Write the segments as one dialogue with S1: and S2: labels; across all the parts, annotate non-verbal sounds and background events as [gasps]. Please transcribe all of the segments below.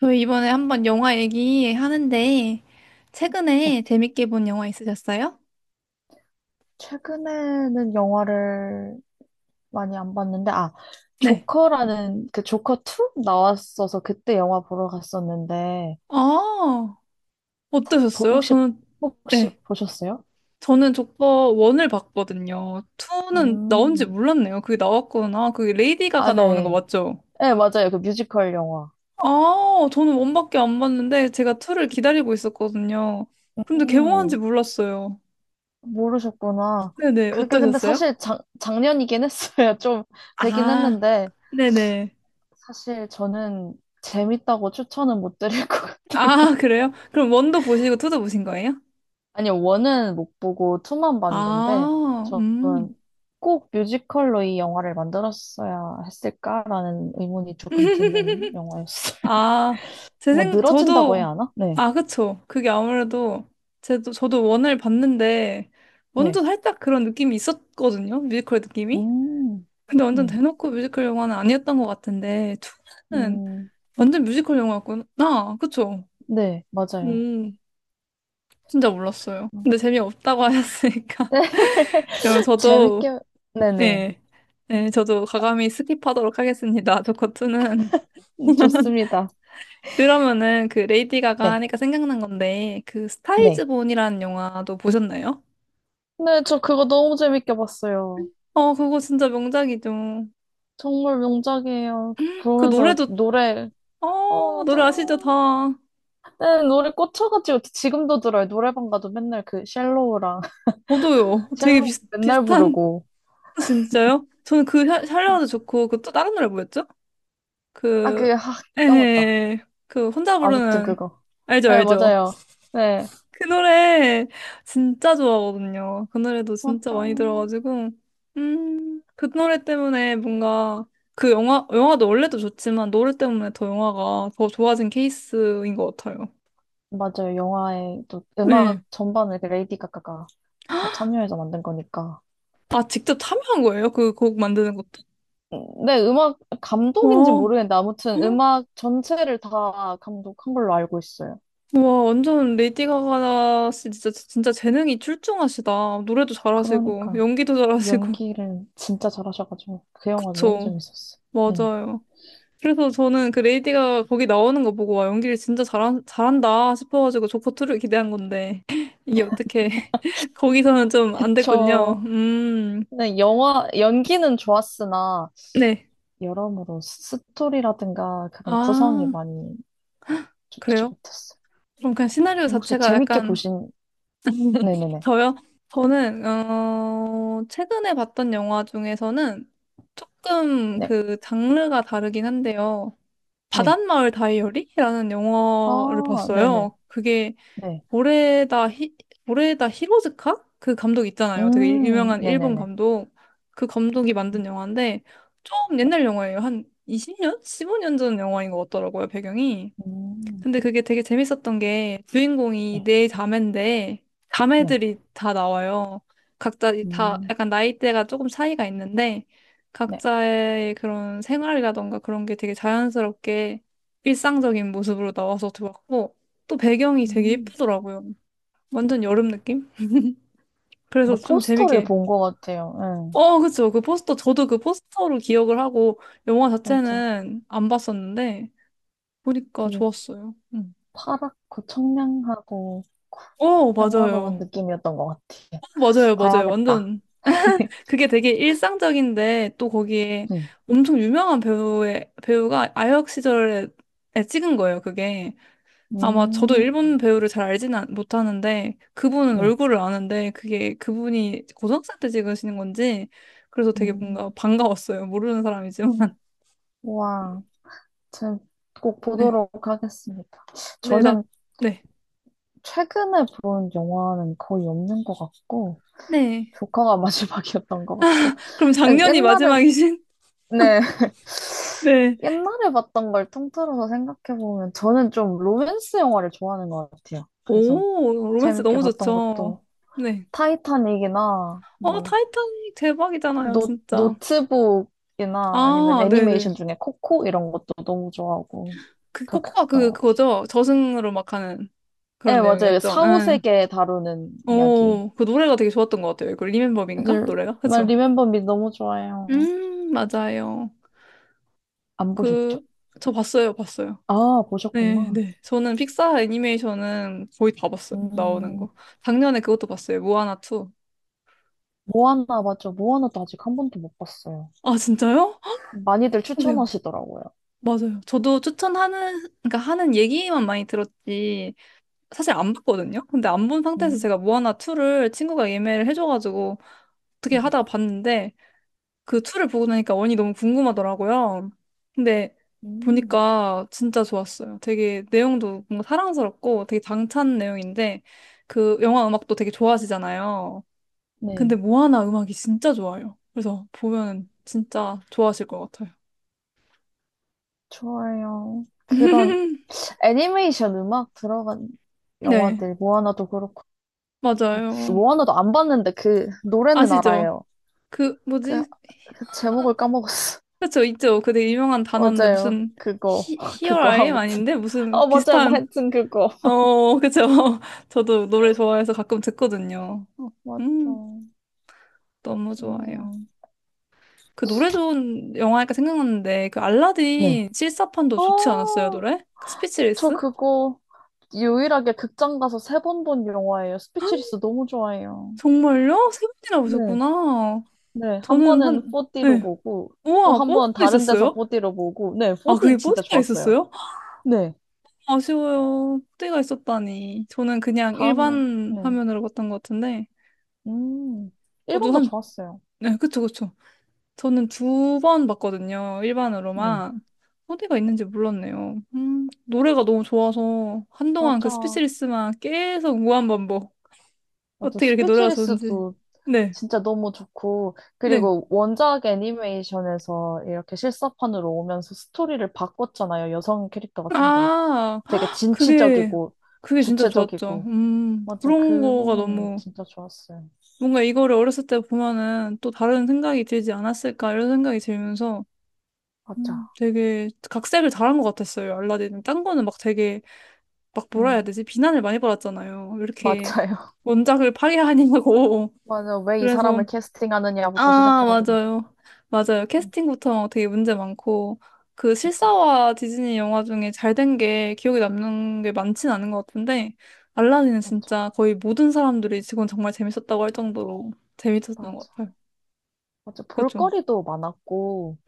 S1: 저희 이번에 한번 영화 얘기하는데,
S2: 네.
S1: 최근에 재밌게 본 영화 있으셨어요?
S2: 최근에는 영화를 많이 안 봤는데, 아,
S1: 네.
S2: 조커라는 그 조커 2 나왔어서 그때 영화 보러 갔었는데,
S1: 아, 어떠셨어요?
S2: 혹시,
S1: 저는, 네.
S2: 보셨어요?
S1: 저는 조커 1을 봤거든요. 2는 나온지
S2: 음,
S1: 몰랐네요. 그게 나왔구나. 그게 레이디
S2: 아,
S1: 가가 나오는 거
S2: 네.
S1: 맞죠?
S2: 네, 맞아요. 그 뮤지컬 영화.
S1: 아, 저는 1밖에 안 봤는데, 제가 2를 기다리고 있었거든요. 근데 개봉한지
S2: 음,
S1: 몰랐어요.
S2: 모르셨구나.
S1: 네네,
S2: 그게 근데
S1: 어떠셨어요?
S2: 사실 작년이긴 했어요. [laughs] 좀 되긴
S1: 아,
S2: 했는데,
S1: 네네.
S2: 사실 저는 재밌다고 추천은 못 드릴 것 같아요.
S1: 아, 그래요? 그럼 1도 보시고 2도 보신 거예요?
S2: 아니, 원은 못 보고 투만 봤는데,
S1: 아,
S2: 저는 꼭 뮤지컬로 이 영화를 만들었어야 했을까라는 의문이 조금 드는 영화였어요. [laughs]
S1: 아,
S2: 뭐, 늘어진다고
S1: 저도,
S2: 해야 하나? 네.
S1: 아, 그쵸. 그게 아무래도, 저도 원을 봤는데, 먼저
S2: 네.
S1: 살짝 그런 느낌이 있었거든요. 뮤지컬 느낌이.
S2: 음,
S1: 근데 완전
S2: 네.
S1: 대놓고 뮤지컬 영화는 아니었던 것 같은데, 투는
S2: 음,
S1: 완전 뮤지컬 영화였구나. 아, 그쵸.
S2: 네, 맞아요.
S1: 음, 진짜 몰랐어요.
S2: 음.
S1: 근데 재미없다고
S2: [laughs]
S1: 하셨으니까.
S2: 네,
S1: [laughs] 그럼 저도,
S2: 재밌게, 네네.
S1: 예, 예, 저도 과감히 스킵하도록 하겠습니다. 조커투는,
S2: 좋습니다.
S1: 그러면은 그 레이디 가가
S2: 네,
S1: 하니까 생각난 건데 그 스타이즈
S2: 네.
S1: 본이라는 영화도 보셨나요?
S2: 네, 저 그거 너무 재밌게 봤어요.
S1: 어 그거 진짜 명작이죠.
S2: 정말 명작이에요. 그
S1: 그
S2: 보면서
S1: 노래도,
S2: 노래,
S1: 어
S2: 어,
S1: 노래 아시죠 다.
S2: 맞아요. 네, 노래 꽂혀가지고 지금도 들어요. 노래방 가도 맨날 그 쉘로우랑 [laughs]
S1: 저도요. 되게
S2: 쉘로우 맨날
S1: 비슷한.
S2: 부르고.
S1: [laughs] 진짜요? 저는 그 샬로우도 좋고 그 또 다른 노래 뭐였죠?
S2: 아,
S1: 그,
S2: 그, 아, 까먹었다.
S1: 에헤 그 혼자
S2: 아무튼
S1: 부르는,
S2: 그거.
S1: 알죠
S2: 네,
S1: 알죠.
S2: 맞아요. 네.
S1: 그 노래 진짜 좋아하거든요. 그 노래도 진짜
S2: 맞죠.
S1: 많이 들어가지고, 그 노래 때문에 뭔가 그 영화도 원래도 좋지만 노래 때문에 더 영화가 더 좋아진 케이스인 것 같아요.
S2: 맞아요. 영화에 또 음악
S1: 네.
S2: 전반을 그 레이디 가가가 다 참여해서 만든 거니까.
S1: 아, 직접 참여한 거예요? 그 곡 만드는 것도?
S2: 네, 음악 감독인지
S1: 와,
S2: 모르겠는데 아무튼 음악 전체를 다 감독한 걸로 알고 있어요.
S1: 와, 완전 레이디 가가 씨 진짜, 진짜 재능이 출중하시다. 노래도 잘하시고,
S2: 그러니까
S1: 연기도 잘하시고. [laughs]
S2: 연기를 진짜 잘하셔가지고 그 영화 너무
S1: 그쵸.
S2: 재밌었어요. 네.
S1: 맞아요. 그래서 저는 그 레이디가 거기 나오는 거 보고 와 연기를 진짜 잘한다 싶어가지고 조커 2를 기대한 건데 [laughs] 이게 어떻게 [laughs] 거기서는 좀 안 됐군요.
S2: 그쵸. 근데 영화, 연기는 좋았으나,
S1: 네.
S2: 여러모로 스토리라든가 그런 구성이
S1: 아,
S2: 많이 좋지
S1: 그래요?
S2: 못했어요.
S1: 그럼 그냥 시나리오
S2: 혹시
S1: 자체가
S2: 재밌게
S1: 약간,
S2: 보신, 네네네.
S1: 저요? 저는 어 최근에 봤던 영화 중에서는 조금
S2: 네,
S1: 그 장르가 다르긴 한데요.
S2: 네.
S1: 바닷마을 다이어리라는 영화를
S2: 아, 네네.
S1: 봤어요. 그게,
S2: 네.
S1: 보레다 히, 보레다 히로즈카? 그 감독 있잖아요. 되게 유명한 일본
S2: 네네네.
S1: 감독. 그 감독이 만든
S2: 음,
S1: 영화인데 좀
S2: 네.
S1: 옛날 영화예요. 한 20년? 15년 전 영화인 것 같더라고요, 배경이.
S2: 음,
S1: 근데 그게 되게 재밌었던 게 주인공이
S2: 네.
S1: 네 자매인데
S2: 네.
S1: 자매들이 다 나와요. 각자 다
S2: 음,
S1: 약간 나이대가 조금 차이가 있는데
S2: 네.
S1: 각자의 그런 생활이라던가 그런 게 되게 자연스럽게 일상적인 모습으로 나와서 좋았고 또 배경이 되게
S2: 음.
S1: 예쁘더라고요. 완전 여름 느낌? 그래서
S2: 뭔가
S1: 좀
S2: 포스터를
S1: 재밌게.
S2: 본 것 같아요. 네.
S1: 어, 그쵸. 그 포스터, 저도 그 포스터로 기억을 하고, 영화
S2: 맞아.
S1: 자체는 안 봤었는데, 보니까
S2: 되게
S1: 좋았어요. 응.
S2: 파랗고 청량하고
S1: 어,
S2: 영화로운
S1: 맞아요.
S2: 느낌이었던 것 같아요.
S1: 어, 맞아요, 맞아요.
S2: 봐야겠다.
S1: 완전. 그게 되게 일상적인데, 또 거기에
S2: 네.
S1: 엄청 유명한 배우가 아역 시절에 찍은 거예요, 그게. 아마 저도
S2: 음,
S1: 일본 배우를 잘 알지는 못하는데 그분은
S2: 네.
S1: 얼굴을 아는데 그게 그분이 고등학생 때 찍으시는 건지, 그래서 되게 뭔가
S2: 음,
S1: 반가웠어요. 모르는 사람이지만. [laughs]
S2: 와, 제가 꼭
S1: 네.
S2: 보도록 하겠습니다.
S1: 네, 나,
S2: 저는
S1: 네.
S2: 최근에 본 영화는 거의 없는 것 같고,
S1: 네.
S2: 조커가 [laughs] 마지막이었던 것 같고,
S1: 그럼 작년이
S2: 옛날에,
S1: 마지막이신?
S2: 네,
S1: [laughs]
S2: [laughs]
S1: 네.
S2: 옛날에 봤던 걸 통틀어서 생각해보면, 저는 좀 로맨스 영화를 좋아하는 것 같아요. 그래서
S1: 오, 로맨스
S2: 재밌게
S1: 너무
S2: 봤던
S1: 좋죠.
S2: 것도,
S1: 네.
S2: 타이타닉이나,
S1: 어,
S2: 뭐,
S1: 타이타닉 대박이잖아요, 진짜.
S2: 노트북이나 아니면
S1: 아, 네네.
S2: 애니메이션 중에 코코 이런 것도 너무 좋아하고,
S1: 그
S2: 그렇게
S1: 코코가
S2: 봤던
S1: 그,
S2: 것 같아요.
S1: 그거죠? 저승으로 막 하는
S2: 네,
S1: 그런
S2: 맞아요.
S1: 내용이었죠.
S2: 사오세
S1: 응.
S2: 계 다루는 이야기.
S1: 오, 그 노래가 되게 좋았던 것 같아요. 그 리멤버인가?
S2: 사실,
S1: 노래가?
S2: 말
S1: 그쵸?
S2: 리멤버 미 너무 좋아요.
S1: 맞아요.
S2: 안 보셨죠?
S1: 그, 저 봤어요, 봤어요.
S2: 아,
S1: 네,
S2: 보셨구나.
S1: 네. 저는 픽사 애니메이션은 거의 다 봤어요, 나오는
S2: 음,
S1: 거. 작년에 그것도 봤어요, 모아나 2.
S2: 모아나 맞죠? 모아나도 아직 한 번도 못 봤어요.
S1: 아, 진짜요?
S2: 많이들
S1: 그래요.
S2: 추천하시더라고요.
S1: 맞아요. 저도 추천하는, 그러니까 하는 얘기만 많이 들었지, 사실 안 봤거든요? 근데 안 본 상태에서
S2: 음,
S1: 제가 모아나 2를 친구가 예매를 해줘가지고 어떻게
S2: 네.
S1: 하다가 봤는데, 그 툴을 보고 나니까 원이 너무 궁금하더라고요. 근데
S2: 음,
S1: 보니까 진짜 좋았어요. 되게 내용도 뭔가 사랑스럽고 되게 당찬 내용인데, 그 영화 음악도 되게 좋아하시잖아요.
S2: 네.
S1: 근데 모아나 음악이 진짜 좋아요. 그래서 보면 진짜 좋아하실 것 같아요.
S2: 좋아요. 그런
S1: [laughs]
S2: 애니메이션 음악 들어간
S1: 네,
S2: 영화들, 모아나도 그렇고,
S1: 맞아요.
S2: 모아나도 안 봤는데 그 노래는
S1: 아시죠?
S2: 알아요.
S1: 그
S2: 그,
S1: 뭐지?
S2: 그 제목을 까먹었어.
S1: 그쵸, 있죠. 그 되게 유명한 단어인데
S2: 맞아요.
S1: 무슨,
S2: 그거, [laughs] 그거,
S1: 히어라임
S2: 아무튼.
S1: 아닌데 무슨
S2: 어, 맞아요. 뭐
S1: 비슷한,
S2: 하여튼 그거.
S1: 어, 그쵸. [laughs] 저도 노래 좋아해서 가끔 듣거든요. 어,
S2: 맞죠.
S1: 음, 너무 좋아요.
S2: 좋네요.
S1: 그 노래 좋은 영화니까 생각났는데, 그
S2: 네.
S1: 알라딘 실사판도 좋지 않았어요,
S2: 어,
S1: 노래? 그
S2: 저
S1: 스피치리스?
S2: 그거 유일하게 극장 가서 세 번 본 영화예요. 스피치리스 너무 좋아해요.
S1: 정말요? 세 번이나
S2: 네.
S1: 보셨구나.
S2: 네, 한
S1: 저는
S2: 번은
S1: 한,
S2: 4D로
S1: 네.
S2: 보고, 또
S1: 우와,
S2: 한 번
S1: 뽀디도
S2: 다른 데서
S1: 있었어요?
S2: 4D로 보고, 네,
S1: 아, 그게
S2: 4D 진짜
S1: 뽀디가
S2: 좋았어요.
S1: 있었어요? [gasps]
S2: 네.
S1: 아쉬워요. 뽀디가 있었다니. 저는 그냥
S2: 다음에,
S1: 일반
S2: 네.
S1: 화면으로 봤던 것 같은데,
S2: 음,
S1: 저도
S2: 1번도
S1: 한,
S2: 좋았어요.
S1: 네, 그쵸, 그쵸. 저는 두 번 봤거든요.
S2: 네.
S1: 일반으로만. 어디가 있는지 몰랐네요. 노래가 너무 좋아서 한동안 그
S2: 맞아.
S1: 스피치리스만 계속 무한반복.
S2: 맞아.
S1: 어떻게 이렇게 노래가 좋은지.
S2: 스피치리스도
S1: 네,
S2: 진짜 너무 좋고,
S1: 네.
S2: 그리고 원작 애니메이션에서 이렇게 실사판으로 오면서 스토리를 바꿨잖아요. 여성 캐릭터가 좀 더
S1: 아,
S2: 되게
S1: 헉, 그게,
S2: 진취적이고,
S1: 그게 진짜 좋았죠.
S2: 주체적이고. 맞아,
S1: 그런
S2: 그
S1: 거가
S2: 부분이
S1: 너무,
S2: 진짜 좋았어요.
S1: 뭔가 이거를 어렸을 때 보면은 또 다른 생각이 들지 않았을까 이런 생각이 들면서,
S2: 맞아.
S1: 되게 각색을 잘한 것 같았어요. 알라딘은 딴 거는 막 되게, 막 뭐라 해야
S2: 음,
S1: 되지? 비난을 많이 받았잖아요. 왜 이렇게
S2: 맞아요.
S1: 원작을 파괴하냐고. [laughs]
S2: [laughs] 맞아, 왜 이
S1: 그래서,
S2: 사람을 캐스팅하느냐부터
S1: 아,
S2: 시작해가지고.
S1: 맞아요. 맞아요.
S2: 음,
S1: 캐스팅부터 되게 문제 많고, 그
S2: 맞아,
S1: 실사와 디즈니 영화 중에 잘 된 게 기억에 남는 게 많진 않은 것 같은데, 알라딘은
S2: 맞아,
S1: 진짜 거의 모든 사람들이 지금 정말 재밌었다고 할 정도로 재밌었던 것
S2: 맞아.
S1: 같아요.
S2: 맞아,
S1: 그렇죠.
S2: 볼거리도 많았고,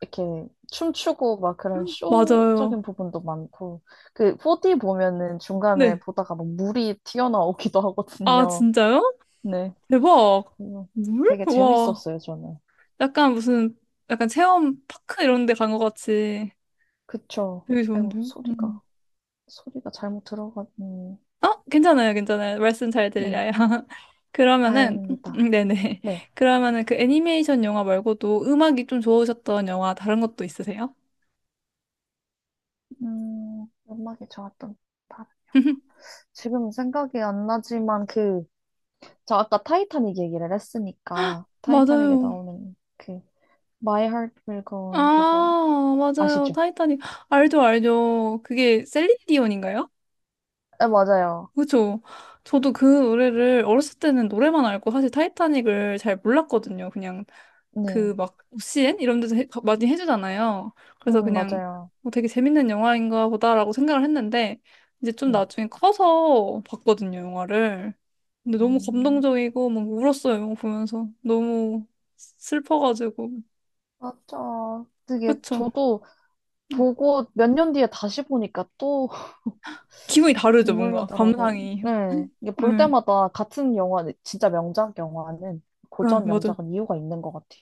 S2: 이렇게 춤추고 막 그런
S1: 맞아요.
S2: 쇼적인 부분도 많고 그 4D 보면은 중간에
S1: 네.
S2: 보다가 막 물이 튀어나오기도
S1: 아,
S2: 하거든요.
S1: 진짜요?
S2: 네.
S1: 대박.
S2: 그래서
S1: 물?
S2: 되게
S1: 와.
S2: 재밌었어요, 저는.
S1: 약간 무슨, 약간 체험 파크 이런 데 간 것 같이.
S2: 그쵸.
S1: 되게
S2: 아이고,
S1: 좋은데요? 음.
S2: 소리가 소리가 잘못 들어갔니.
S1: 어, 괜찮아요, 괜찮아요. 말씀 잘
S2: 네.
S1: 들려요. [laughs] 그러면은,
S2: 다행입니다.
S1: 네네.
S2: 네.
S1: 그러면은 그 애니메이션 영화 말고도 음악이 좀 좋으셨던 영화 다른 것도 있으세요?
S2: 음악이 좋았던 다-
S1: [laughs]
S2: 지금 생각이 안 나지만 그 저 아까 타이타닉 얘기를 했으니까 타이타닉에
S1: 맞아요.
S2: 나오는 그 My Heart Will Go On 그거
S1: 아, 맞아요.
S2: 아시죠?
S1: 타이타닉. 알죠, 알죠. 그게 셀린디온인가요?
S2: 네, 맞아요.
S1: 그죠. 저도 그 노래를 어렸을 때는 노래만 알고 사실 타이타닉을 잘 몰랐거든요. 그냥
S2: 네.
S1: 그 막오 c 엔 이런 데서 많이 해주잖아요. 그래서 그냥
S2: 맞아요.
S1: 뭐 되게 재밌는 영화인가 보다라고 생각을 했는데 이제 좀
S2: 네.
S1: 나중에 커서 봤거든요, 영화를. 근데 너무
S2: 음,
S1: 감동적이고 막 울었어요, 영화 보면서. 너무 슬퍼가지고.
S2: 맞아. 그게
S1: 그쵸.
S2: 저도
S1: 네.
S2: 보고 몇 년 뒤에 다시 보니까 또 [laughs]
S1: 기분이 다르죠,
S2: 눈물
S1: 뭔가.
S2: 나더라고요.
S1: 감상이.
S2: 네. 이게
S1: 네,
S2: 볼
S1: 네,
S2: 때마다 같은 영화, 진짜 명작 영화는 고전
S1: 맞아요.
S2: 명작은 이유가 있는 것 같아요.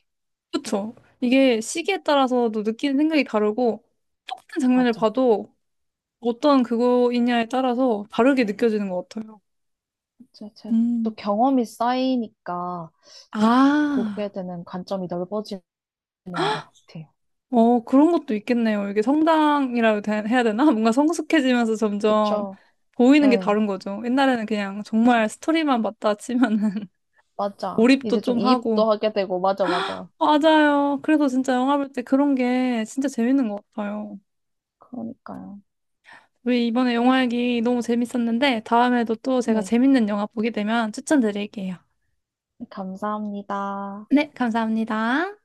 S1: 그쵸. 이게 시기에 따라서도 느끼는 생각이 다르고 똑같은 장면을
S2: 맞아.
S1: 봐도 어떤 그거이냐에 따라서 다르게 느껴지는 것 같아요.
S2: 제, 제, 또
S1: 음.
S2: 경험이 쌓이니까
S1: 아,
S2: 보게 되는 관점이 넓어지는 것 같아요.
S1: 어, 그런 것도 있겠네요. 이게 성당이라고 해야 되나? [laughs] 뭔가 성숙해지면서 점점
S2: 그쵸?
S1: 보이는 게
S2: 네.
S1: 다른 거죠. 옛날에는 그냥
S2: 그쵸.
S1: 정말 스토리만 봤다 치면은, [laughs]
S2: 맞아.
S1: 몰입도
S2: 이제 좀
S1: 좀 하고.
S2: 이입도 하게 되고, 맞아, 맞아.
S1: 맞아요. 그래서 진짜 영화 볼 때 그런 게 진짜 재밌는 것 같아요.
S2: 그러니까요.
S1: 우리 이번에 영화 얘기 너무 재밌었는데 다음에도 또 제가
S2: 네.
S1: 재밌는 영화 보게 되면 추천드릴게요.
S2: 네, 감사합니다.
S1: 네, 감사합니다.